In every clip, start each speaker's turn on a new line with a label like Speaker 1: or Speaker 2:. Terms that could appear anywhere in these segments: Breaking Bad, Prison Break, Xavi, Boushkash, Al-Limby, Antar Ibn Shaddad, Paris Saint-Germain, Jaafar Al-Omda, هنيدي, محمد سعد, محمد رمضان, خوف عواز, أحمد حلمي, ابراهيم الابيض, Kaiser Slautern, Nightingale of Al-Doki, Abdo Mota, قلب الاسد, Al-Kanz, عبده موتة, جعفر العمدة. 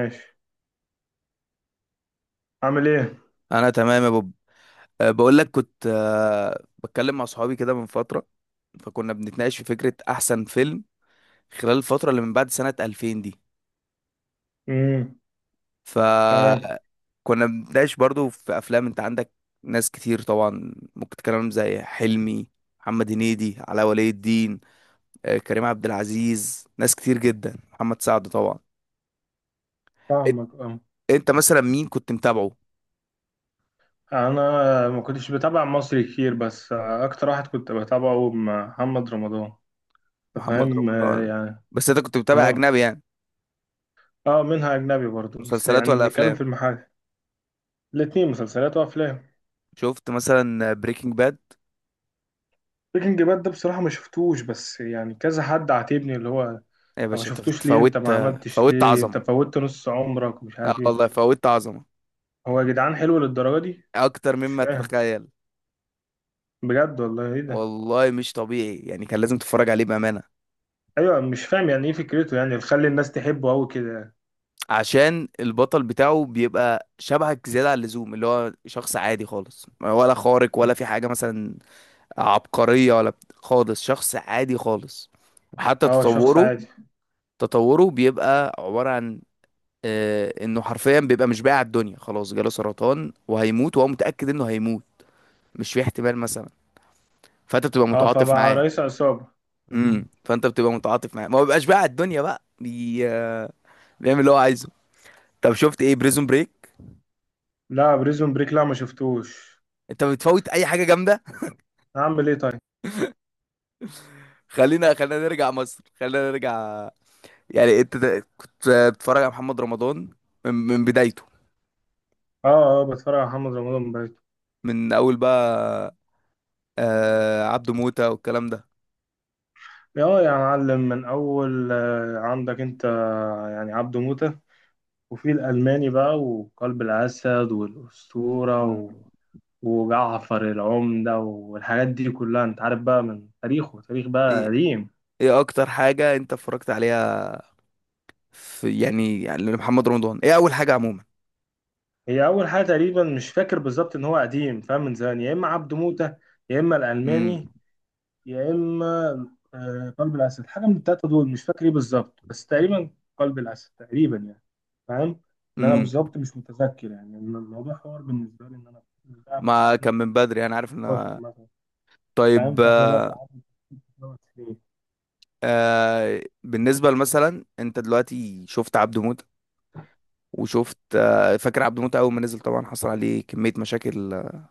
Speaker 1: ماشي. عامل ايه؟
Speaker 2: انا تمام يا بوب. بقول لك كنت، بتكلم مع صحابي كده من فتره، فكنا بنتناقش في فكره احسن فيلم خلال الفتره اللي من بعد سنه 2000 دي.
Speaker 1: امم. تمام.
Speaker 2: فكنا بنتناقش برضو في افلام. انت عندك ناس كتير طبعا ممكن تتكلم زي حلمي، محمد هنيدي، علاء ولي الدين، كريم عبد العزيز، ناس كتير جدا، محمد سعد طبعا. إت-
Speaker 1: فاهمك اه.
Speaker 2: انت مثلا مين كنت متابعه؟
Speaker 1: انا ما كنتش بتابع مصري كتير، بس اكتر واحد كنت بتابعه محمد رمضان. أنت
Speaker 2: محمد
Speaker 1: فاهم،
Speaker 2: رمضان؟
Speaker 1: يعني.
Speaker 2: بس انت كنت متابع
Speaker 1: اه.
Speaker 2: اجنبي يعني؟
Speaker 1: اه، منها اجنبي برضو، بس
Speaker 2: مسلسلات
Speaker 1: يعني
Speaker 2: ولا
Speaker 1: بنتكلم
Speaker 2: افلام؟
Speaker 1: في المحل. الاتنين، مسلسلات وافلام.
Speaker 2: شفت مثلا بريكنج باد؟
Speaker 1: بريكنج باد ده بصراحة ما شفتوش، بس يعني كذا حد عاتبني اللي هو: انت
Speaker 2: يا
Speaker 1: ما
Speaker 2: باشا انت
Speaker 1: شفتوش ليه، انت
Speaker 2: فوتت.
Speaker 1: ما عملتش
Speaker 2: فوتت
Speaker 1: ليه، انت
Speaker 2: عظمة.
Speaker 1: فوتت نص عمرك ومش
Speaker 2: اه
Speaker 1: عارف ايه.
Speaker 2: والله فوتت عظمة
Speaker 1: هو يا جدعان حلو للدرجة دي؟
Speaker 2: اكتر
Speaker 1: مش
Speaker 2: مما
Speaker 1: فاهم.
Speaker 2: تتخيل.
Speaker 1: بجد والله، ايه ده؟
Speaker 2: والله مش طبيعي يعني، كان لازم تتفرج عليه بأمانة.
Speaker 1: ايوه، مش فاهم يعني ايه فكرته يعني تخلي الناس تحبه قوي كده يعني.
Speaker 2: عشان البطل بتاعه بيبقى شبهك زيادة عن اللزوم، اللي هو شخص عادي خالص، ولا خارق ولا في حاجة مثلا عبقرية، ولا خالص شخص عادي خالص. وحتى
Speaker 1: اه، شخص
Speaker 2: تطوره
Speaker 1: عادي.
Speaker 2: تطوره بيبقى عبارة عن، انه حرفيا بيبقى مش بايع الدنيا، خلاص جاله سرطان وهيموت، وهو متأكد انه هيموت، مش في احتمال مثلا. فانت بتبقى
Speaker 1: اه،
Speaker 2: متعاطف
Speaker 1: فبقى
Speaker 2: معاه.
Speaker 1: رئيس عصابة.
Speaker 2: فانت بتبقى متعاطف معاه، ما بيبقاش بقى على الدنيا بقى بي... بيعمل اللي هو عايزه. طب شفت ايه بريزون بريك؟
Speaker 1: لا، بريزون بريك لا، ما شفتوش.
Speaker 2: انت بتفوت اي حاجه جامده.
Speaker 1: هعمل ايه طيب.
Speaker 2: خلينا نرجع مصر، خلينا نرجع. يعني انت كنت، بتتفرج على محمد رمضان من بدايته؟
Speaker 1: اه اه، بتفرج على محمد رمضان بقيت.
Speaker 2: من اول بقى، عبده موتة والكلام ده؟
Speaker 1: اه يا معلم، من اول، عندك انت، يعني عبده موتة. وفي الالماني بقى، وقلب الاسد، والاسطورة
Speaker 2: مم.
Speaker 1: و... وجعفر العمدة والحاجات دي كلها، انت عارف بقى، من تاريخه، تاريخ بقى
Speaker 2: ايه
Speaker 1: قديم.
Speaker 2: ايه اكتر حاجه انت اتفرجت عليها في، يعني محمد رمضان، ايه اول حاجه عموما؟
Speaker 1: هي اول حاجه تقريبا مش فاكر بالظبط، ان هو قديم فاهم، من زمان، يا اما عبد موته، يا اما
Speaker 2: امم
Speaker 1: الالماني، يا اما قلب الاسد. حاجه من الثلاثه دول مش فاكر ايه بالظبط، بس تقريبا قلب الاسد تقريبا يعني. فاهم. ان انا
Speaker 2: امم
Speaker 1: بالظبط مش متذكر، يعني إن الموضوع حوار بالنسبه لي، ان انا ده من
Speaker 2: ما كان من بدري، انا عارف
Speaker 1: 2014
Speaker 2: ان.
Speaker 1: مثلا. فاهم،
Speaker 2: طيب،
Speaker 1: فاحنا دلوقتي قعدنا 12 سنين.
Speaker 2: بالنسبة مثلا انت دلوقتي شفت عبده موتة. وشفت، فاكر عبده موتة اول ما نزل طبعا، حصل عليه كمية مشاكل،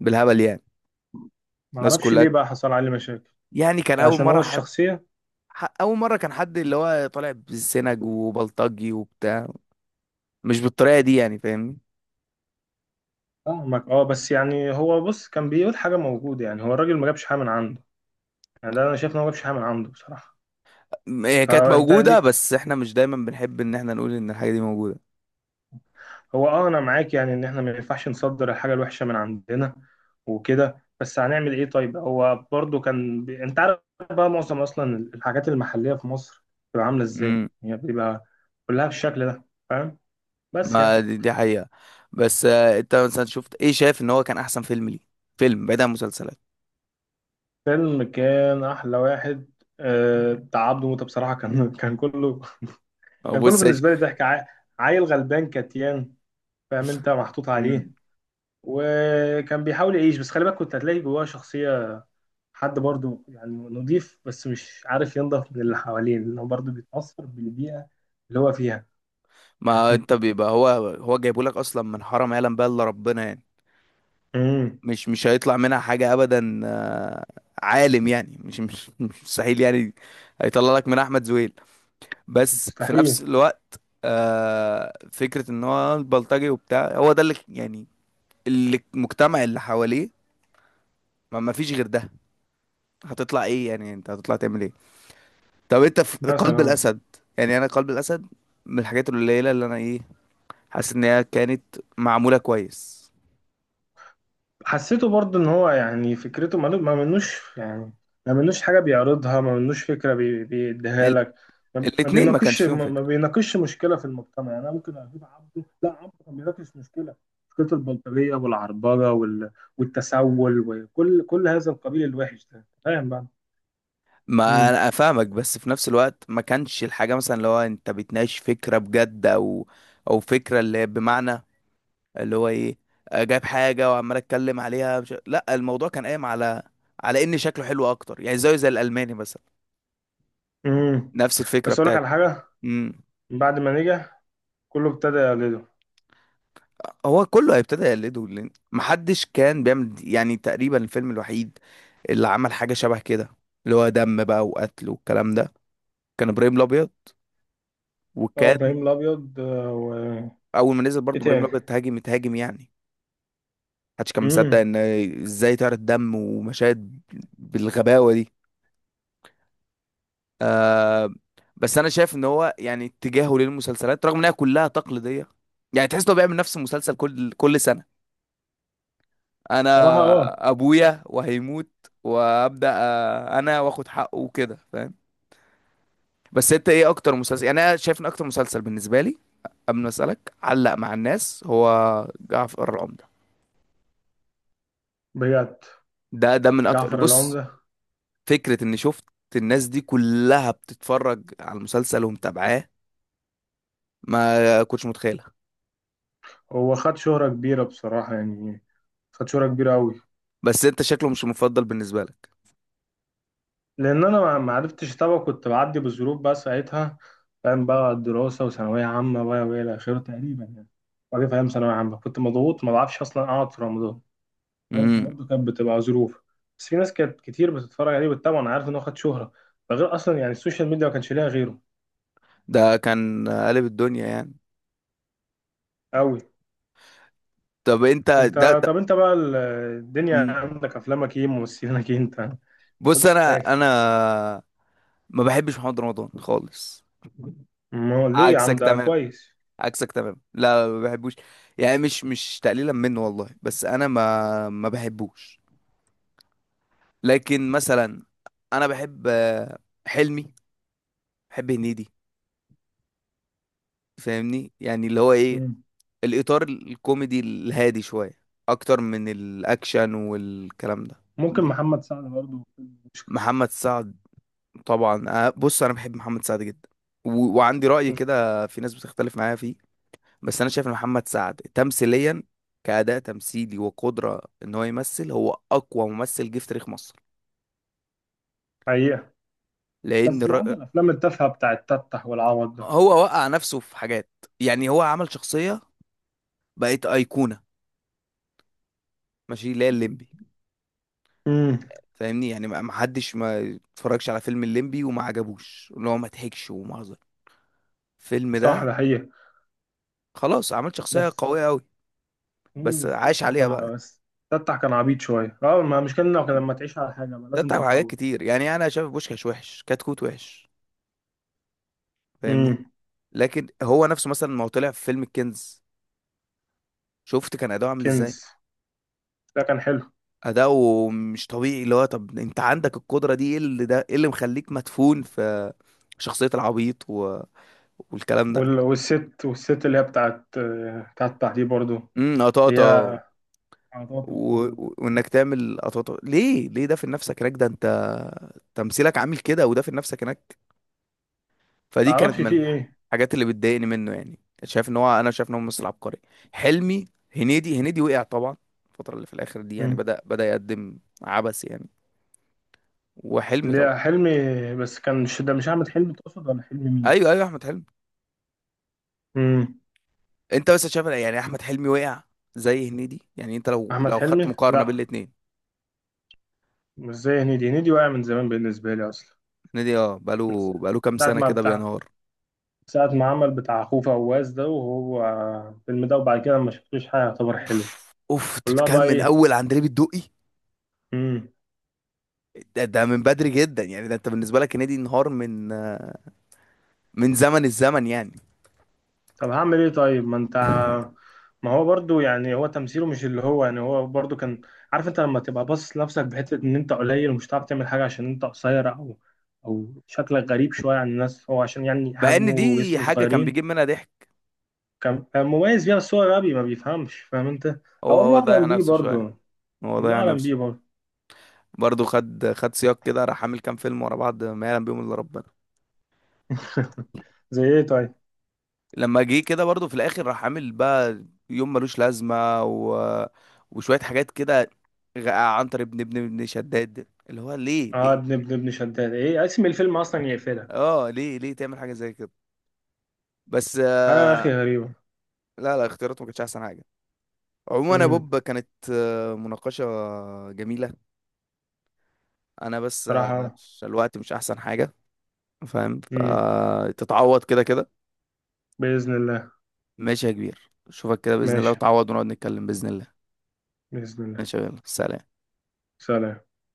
Speaker 2: بالهبل يعني.
Speaker 1: ما
Speaker 2: الناس
Speaker 1: اعرفش
Speaker 2: كلها،
Speaker 1: ليه بقى حصل عليه مشاكل.
Speaker 2: يعني كان اول
Speaker 1: عشان
Speaker 2: مرة
Speaker 1: هو
Speaker 2: حد،
Speaker 1: الشخصيه.
Speaker 2: اول مرة كان حد اللي هو طالع بالسنج وبلطجي وبتاع، مش بالطريقة دي يعني، فاهمني.
Speaker 1: فاهمك اه، بس يعني هو بص كان بيقول حاجه موجوده، يعني هو الراجل ما جابش حاجه من عنده. يعني ده انا شايف ان هو مفيش حاجه من عنده بصراحه.
Speaker 2: هي كانت
Speaker 1: فانت
Speaker 2: موجودة،
Speaker 1: ليك.
Speaker 2: بس احنا مش دايما بنحب ان احنا نقول ان الحاجة دي موجودة.
Speaker 1: هو اه، انا معاك يعني، ان احنا ما ينفعش نصدر الحاجه الوحشه من عندنا وكده، بس هنعمل ايه طيب. هو برضو كان بي... انت عارف بقى، معظم اصلا الحاجات المحليه في مصر بتبقى عامله ازاي،
Speaker 2: امم
Speaker 1: يعني بيبقى كلها بالشكل ده. فاهم. بس
Speaker 2: ما
Speaker 1: يعني
Speaker 2: دي حقيقة. بس انت مثلا شفت ايه شايف ان هو كان احسن فيلم ليه؟ فيلم بعيد عن مسلسلات.
Speaker 1: فيلم كان احلى واحد بتاع عبده موته بصراحه. كان كله،
Speaker 2: ما
Speaker 1: كان كله
Speaker 2: بص يا.
Speaker 1: بالنسبه لي ضحك. عيل غلبان كتيان، فاهم، انت محطوط
Speaker 2: ش-
Speaker 1: عليه. وكان بيحاول يعيش، بس خلي بالك، كنت هتلاقي جواه شخصية حد برضو يعني نضيف، بس مش عارف ينضف من اللي حواليه، لأنه برضو بيتأثر بالبيئة اللي هو فيها.
Speaker 2: ما انت بيبقى هو، هو جايبه لك اصلا من حرم يعلم بقى الا ربنا يعني.
Speaker 1: امم.
Speaker 2: مش هيطلع منها حاجه ابدا، عالم يعني. مش مش مستحيل يعني هيطلع لك من احمد زويل. بس في نفس
Speaker 1: مستحيل.
Speaker 2: الوقت، فكره ان هو البلطجي وبتاع هو ده اللي يعني، اللي المجتمع اللي حواليه ما فيش غير ده، هتطلع ايه يعني، انت هتطلع تعمل ايه؟ طب انت في قلب
Speaker 1: مثلا.
Speaker 2: الاسد، يعني انا قلب الاسد من الحاجات القليله اللي انا ايه، حاسس ان هي كانت معموله كويس.
Speaker 1: حسيته برضه ان هو يعني فكرته ما منوش يعني، ما منوش حاجه بيعرضها، ما منوش فكره بيديها لك. ما ما
Speaker 2: الاتنين ما
Speaker 1: بيناقش
Speaker 2: كانش فيهم
Speaker 1: ما ما
Speaker 2: فكرة.
Speaker 1: بيناقش مشكله في المجتمع، يعني انا ممكن اجيب عبده. لا، عبده كان بيناقش مشكله، مشكله البلطجيه والعربجه وال... والتسول، وكل هذا القبيل الوحش ده، فاهم بقى.
Speaker 2: ما
Speaker 1: امم.
Speaker 2: انا افهمك، بس في نفس الوقت ما كانش الحاجة مثلا اللي هو انت بتناقش فكرة بجد، او فكرة اللي هي بمعنى اللي هو ايه، جايب حاجة وعمال اتكلم عليها مش... لا الموضوع كان قايم على ان شكله حلو اكتر يعني، زيه زي الالماني مثلا،
Speaker 1: امم.
Speaker 2: نفس
Speaker 1: بس
Speaker 2: الفكرة
Speaker 1: اقول لك
Speaker 2: بتاعت.
Speaker 1: على حاجه:
Speaker 2: امم
Speaker 1: من بعد ما نجح، كله ابتدى يقلده.
Speaker 2: هو كله هيبتدى يقلده لأن محدش كان بيعمل. يعني تقريبا الفيلم الوحيد اللي عمل حاجة شبه كده، اللي هو دم بقى وقتل والكلام ده، كان ابراهيم الابيض.
Speaker 1: اه،
Speaker 2: وكان
Speaker 1: ابراهيم الابيض و...
Speaker 2: اول ما نزل
Speaker 1: ايه
Speaker 2: برضه ابراهيم
Speaker 1: تاني؟
Speaker 2: الابيض تهاجم تهاجم يعني، محدش كان مصدق
Speaker 1: امم.
Speaker 2: ان ازاي طار الدم ومشاهد بالغباوه دي. بس انا شايف ان هو يعني اتجاهه للمسلسلات رغم انها كلها تقليديه، يعني تحس انه بيعمل نفس المسلسل كل سنه. انا
Speaker 1: صراحه اه.
Speaker 2: ابويا وهيموت وابدا، انا واخد حقه وكده، فاهم. بس انت ايه اكتر مسلسل؟ يعني انا شايف ان اكتر مسلسل بالنسبه لي قبل ما اسالك علق مع الناس هو جعفر العمدة.
Speaker 1: بجد.
Speaker 2: ده من اكتر،
Speaker 1: جعفر
Speaker 2: بص،
Speaker 1: العمدة.
Speaker 2: فكرة اني شفت الناس دي كلها بتتفرج على المسلسل ومتابعاه، ما كنتش متخيلها.
Speaker 1: هو خد شهرة كبيرة بصراحة يعني، خد شهرة كبيرة أوي.
Speaker 2: بس انت شكله مش المفضل بالنسبة لك.
Speaker 1: لأن أنا ما عرفتش أتابعه، كنت بعدي بظروف بقى ساعتها. فاهم بقى، الدراسة، وثانوية عامة بقى، وإلى آخره تقريبا يعني. وبعدين فاهم، ثانوية عامة كنت مضغوط، ما بعرفش أصلا أقعد في رمضان. فاهم،
Speaker 2: امم
Speaker 1: فبرضه كانت بتبقى ظروف. بس في ناس كانت كتير بتتفرج عليه وبتتابعه، أنا عارف إن هو خد شهرة. ده غير أصلا يعني السوشيال ميديا ما كانش ليها غيره.
Speaker 2: ده كان قالب الدنيا يعني.
Speaker 1: أوي.
Speaker 2: طب انت ده,
Speaker 1: أنت.
Speaker 2: ده
Speaker 1: طب أنت بقى الدنيا
Speaker 2: مم.
Speaker 1: عندك، أفلامك إيه، ممثلينك إيه، أنت ما
Speaker 2: بص
Speaker 1: قلتش
Speaker 2: انا
Speaker 1: حاجة.
Speaker 2: انا ما بحبش محمد رمضان خالص.
Speaker 1: ما هو ليه يا عم،
Speaker 2: عكسك
Speaker 1: ده
Speaker 2: تمام،
Speaker 1: كويس.
Speaker 2: عكسك تمام، لا ما بحبوش. يعني مش تقليلا منه والله، بس انا ما بحبوش. لكن مثلا انا بحب، حلمي، بحب هنيدي، فاهمني، يعني اللي هو ايه، الاطار الكوميدي الهادي شويه اكتر من الاكشن والكلام ده.
Speaker 1: ممكن محمد سعد برضه.
Speaker 2: محمد سعد طبعا. بص انا بحب محمد سعد جدا، و... وعندي رأي كده في ناس بتختلف معايا فيه. بس انا شايف ان محمد سعد تمثيليا، كأداء تمثيلي وقدرة ان هو يمثل، هو اقوى ممثل جه في تاريخ مصر.
Speaker 1: حقيقة.
Speaker 2: لان
Speaker 1: بس ما
Speaker 2: الر...
Speaker 1: عدا الأفلام التافهة بتاعت تفتح والعوض ده.
Speaker 2: هو وقع نفسه في حاجات، يعني هو عمل شخصية بقت أيقونة، ماشي، اللي هي الليمبي.
Speaker 1: امم.
Speaker 2: فاهمني يعني، ما حدش ما اتفرجش على فيلم الليمبي وما عجبوش، اللي هو ما ضحكش ومهزر الفيلم
Speaker 1: صح،
Speaker 2: ده.
Speaker 1: ده حقيقة.
Speaker 2: خلاص، عمل شخصية
Speaker 1: بس.
Speaker 2: قوية أوي،
Speaker 1: امم،
Speaker 2: بس عاش عليها بقى.
Speaker 1: بس تفتح كان عبيط شوية اه، ما مش كان، لما تعيش على حاجة ما
Speaker 2: ده
Speaker 1: لازم
Speaker 2: بتاع حاجات
Speaker 1: تتطور.
Speaker 2: كتير، يعني أنا شايف بوشكاش وحش، كتكوت وحش، فاهمني.
Speaker 1: امم.
Speaker 2: لكن هو نفسه مثلا ما هو طلع في فيلم الكنز، شفت كان أداؤه عامل إزاي؟
Speaker 1: كنز، ده كان حلو.
Speaker 2: أداؤه مش طبيعي، اللي هو طب أنت عندك القدرة دي، إيه اللي، ده إيه اللي مخليك مدفون في شخصية العبيط و... والكلام ده.
Speaker 1: وال... والست اللي هي بتاعت تفتح دي برضه، اللي هي
Speaker 2: قطاطة.
Speaker 1: عطاطا
Speaker 2: و...
Speaker 1: والعبط ده.
Speaker 2: وانك تعمل اطوات، ليه ده في نفسك هناك، ده انت تمثيلك عامل كده، وده في نفسك هناك. فدي كانت
Speaker 1: معرفش
Speaker 2: من
Speaker 1: فيه ايه.
Speaker 2: الحاجات اللي بتضايقني منه، يعني شايف ان هو، انا شايف ان هو ممثل عبقري، حلمي. هنيدي وقع طبعا الفتره اللي في الاخر دي، يعني
Speaker 1: امم.
Speaker 2: بدأ يقدم عبث يعني. وحلمي
Speaker 1: اللي
Speaker 2: طبعا.
Speaker 1: هي حلمي. بس كان، مش ده مش أحمد حلمي تقصد، ولا حلمي مين؟
Speaker 2: ايوه، ايوه، احمد حلمي.
Speaker 1: امم.
Speaker 2: انت بس شايف يعني احمد حلمي وقع زي هنيدي يعني؟ انت لو
Speaker 1: أحمد
Speaker 2: خدت
Speaker 1: حلمي؟
Speaker 2: مقارنه بين
Speaker 1: لأ.
Speaker 2: الاتنين.
Speaker 1: مش زي هنيدي، هنيدي واقع من زمان بالنسبة لي أصلا،
Speaker 2: هنيدي،
Speaker 1: من
Speaker 2: بقاله كام
Speaker 1: ساعة
Speaker 2: سنه
Speaker 1: ما
Speaker 2: كده
Speaker 1: بتاع،
Speaker 2: بينهار.
Speaker 1: ساعة ما عمل بتاع خوف عواز ده، وهو الفيلم ده، وبعد كده ما شفتلوش حاجة يعتبر حلو.
Speaker 2: اوف، اوف، انت
Speaker 1: كلها
Speaker 2: بتتكلم
Speaker 1: بقى
Speaker 2: من
Speaker 1: إيه.
Speaker 2: اول عندليب الدقي؟
Speaker 1: مم.
Speaker 2: ده من بدري جدا يعني، ده انت بالنسبه لك هنيدي انهار من زمن الزمن يعني.
Speaker 1: طب هعمل إيه طيب، ما أنت، ما هو برضو يعني هو تمثيله مش اللي هو يعني، هو برضو كان عارف، أنت لما تبقى باصص لنفسك بحتة إن أنت قليل ومش هتعرف تعمل حاجة، عشان أنت قصير، أو أو شكلك غريب شوية عن الناس، هو عشان يعني
Speaker 2: مع
Speaker 1: حجمه
Speaker 2: ان دي
Speaker 1: وجسمه
Speaker 2: حاجه كان
Speaker 1: صغيرين.
Speaker 2: بيجيب منها ضحك.
Speaker 1: كان مميز بيها، بس هو غبي ما بيفهمش، فاهم أنت.
Speaker 2: هو
Speaker 1: او، الله
Speaker 2: هو ضيع
Speaker 1: اعلم بيه
Speaker 2: نفسه شويه.
Speaker 1: برضه.
Speaker 2: هو
Speaker 1: الله
Speaker 2: ضيع
Speaker 1: اعلم بيه
Speaker 2: نفسه
Speaker 1: برضه.
Speaker 2: برضه. خد سياق كده، راح عامل كام فيلم ورا بعض ما يعلم بيهم الا ربنا.
Speaker 1: زي ايه طيب.
Speaker 2: لما جه كده برضه في الاخر راح عامل بقى يوم ملوش لازمه و... وشويه حاجات كده، عنتر ابن ابن شداد اللي هو، ليه
Speaker 1: اه،
Speaker 2: ليه
Speaker 1: ابن ابن ابن شداد، ايه اسم الفيلم اصلا، يقفلها.
Speaker 2: اه، ليه تعمل حاجه زي كده؟ بس،
Speaker 1: حاجه يا اخي غريبه.
Speaker 2: لا لا، اختياراته ما كانتش احسن حاجه. عموما يا
Speaker 1: امم.
Speaker 2: بوب كانت، مناقشة جميلة. أنا بس،
Speaker 1: صراحه.
Speaker 2: الوقت مش أحسن حاجة، فاهم،
Speaker 1: امم.
Speaker 2: فتتعوض كده كده.
Speaker 1: باذن الله.
Speaker 2: ماشي يا كبير، أشوفك كده بإذن الله،
Speaker 1: ماشي.
Speaker 2: وتعوض ونقعد نتكلم بإذن الله.
Speaker 1: باذن الله.
Speaker 2: ماشي يا بيلا. سلام.
Speaker 1: سلام.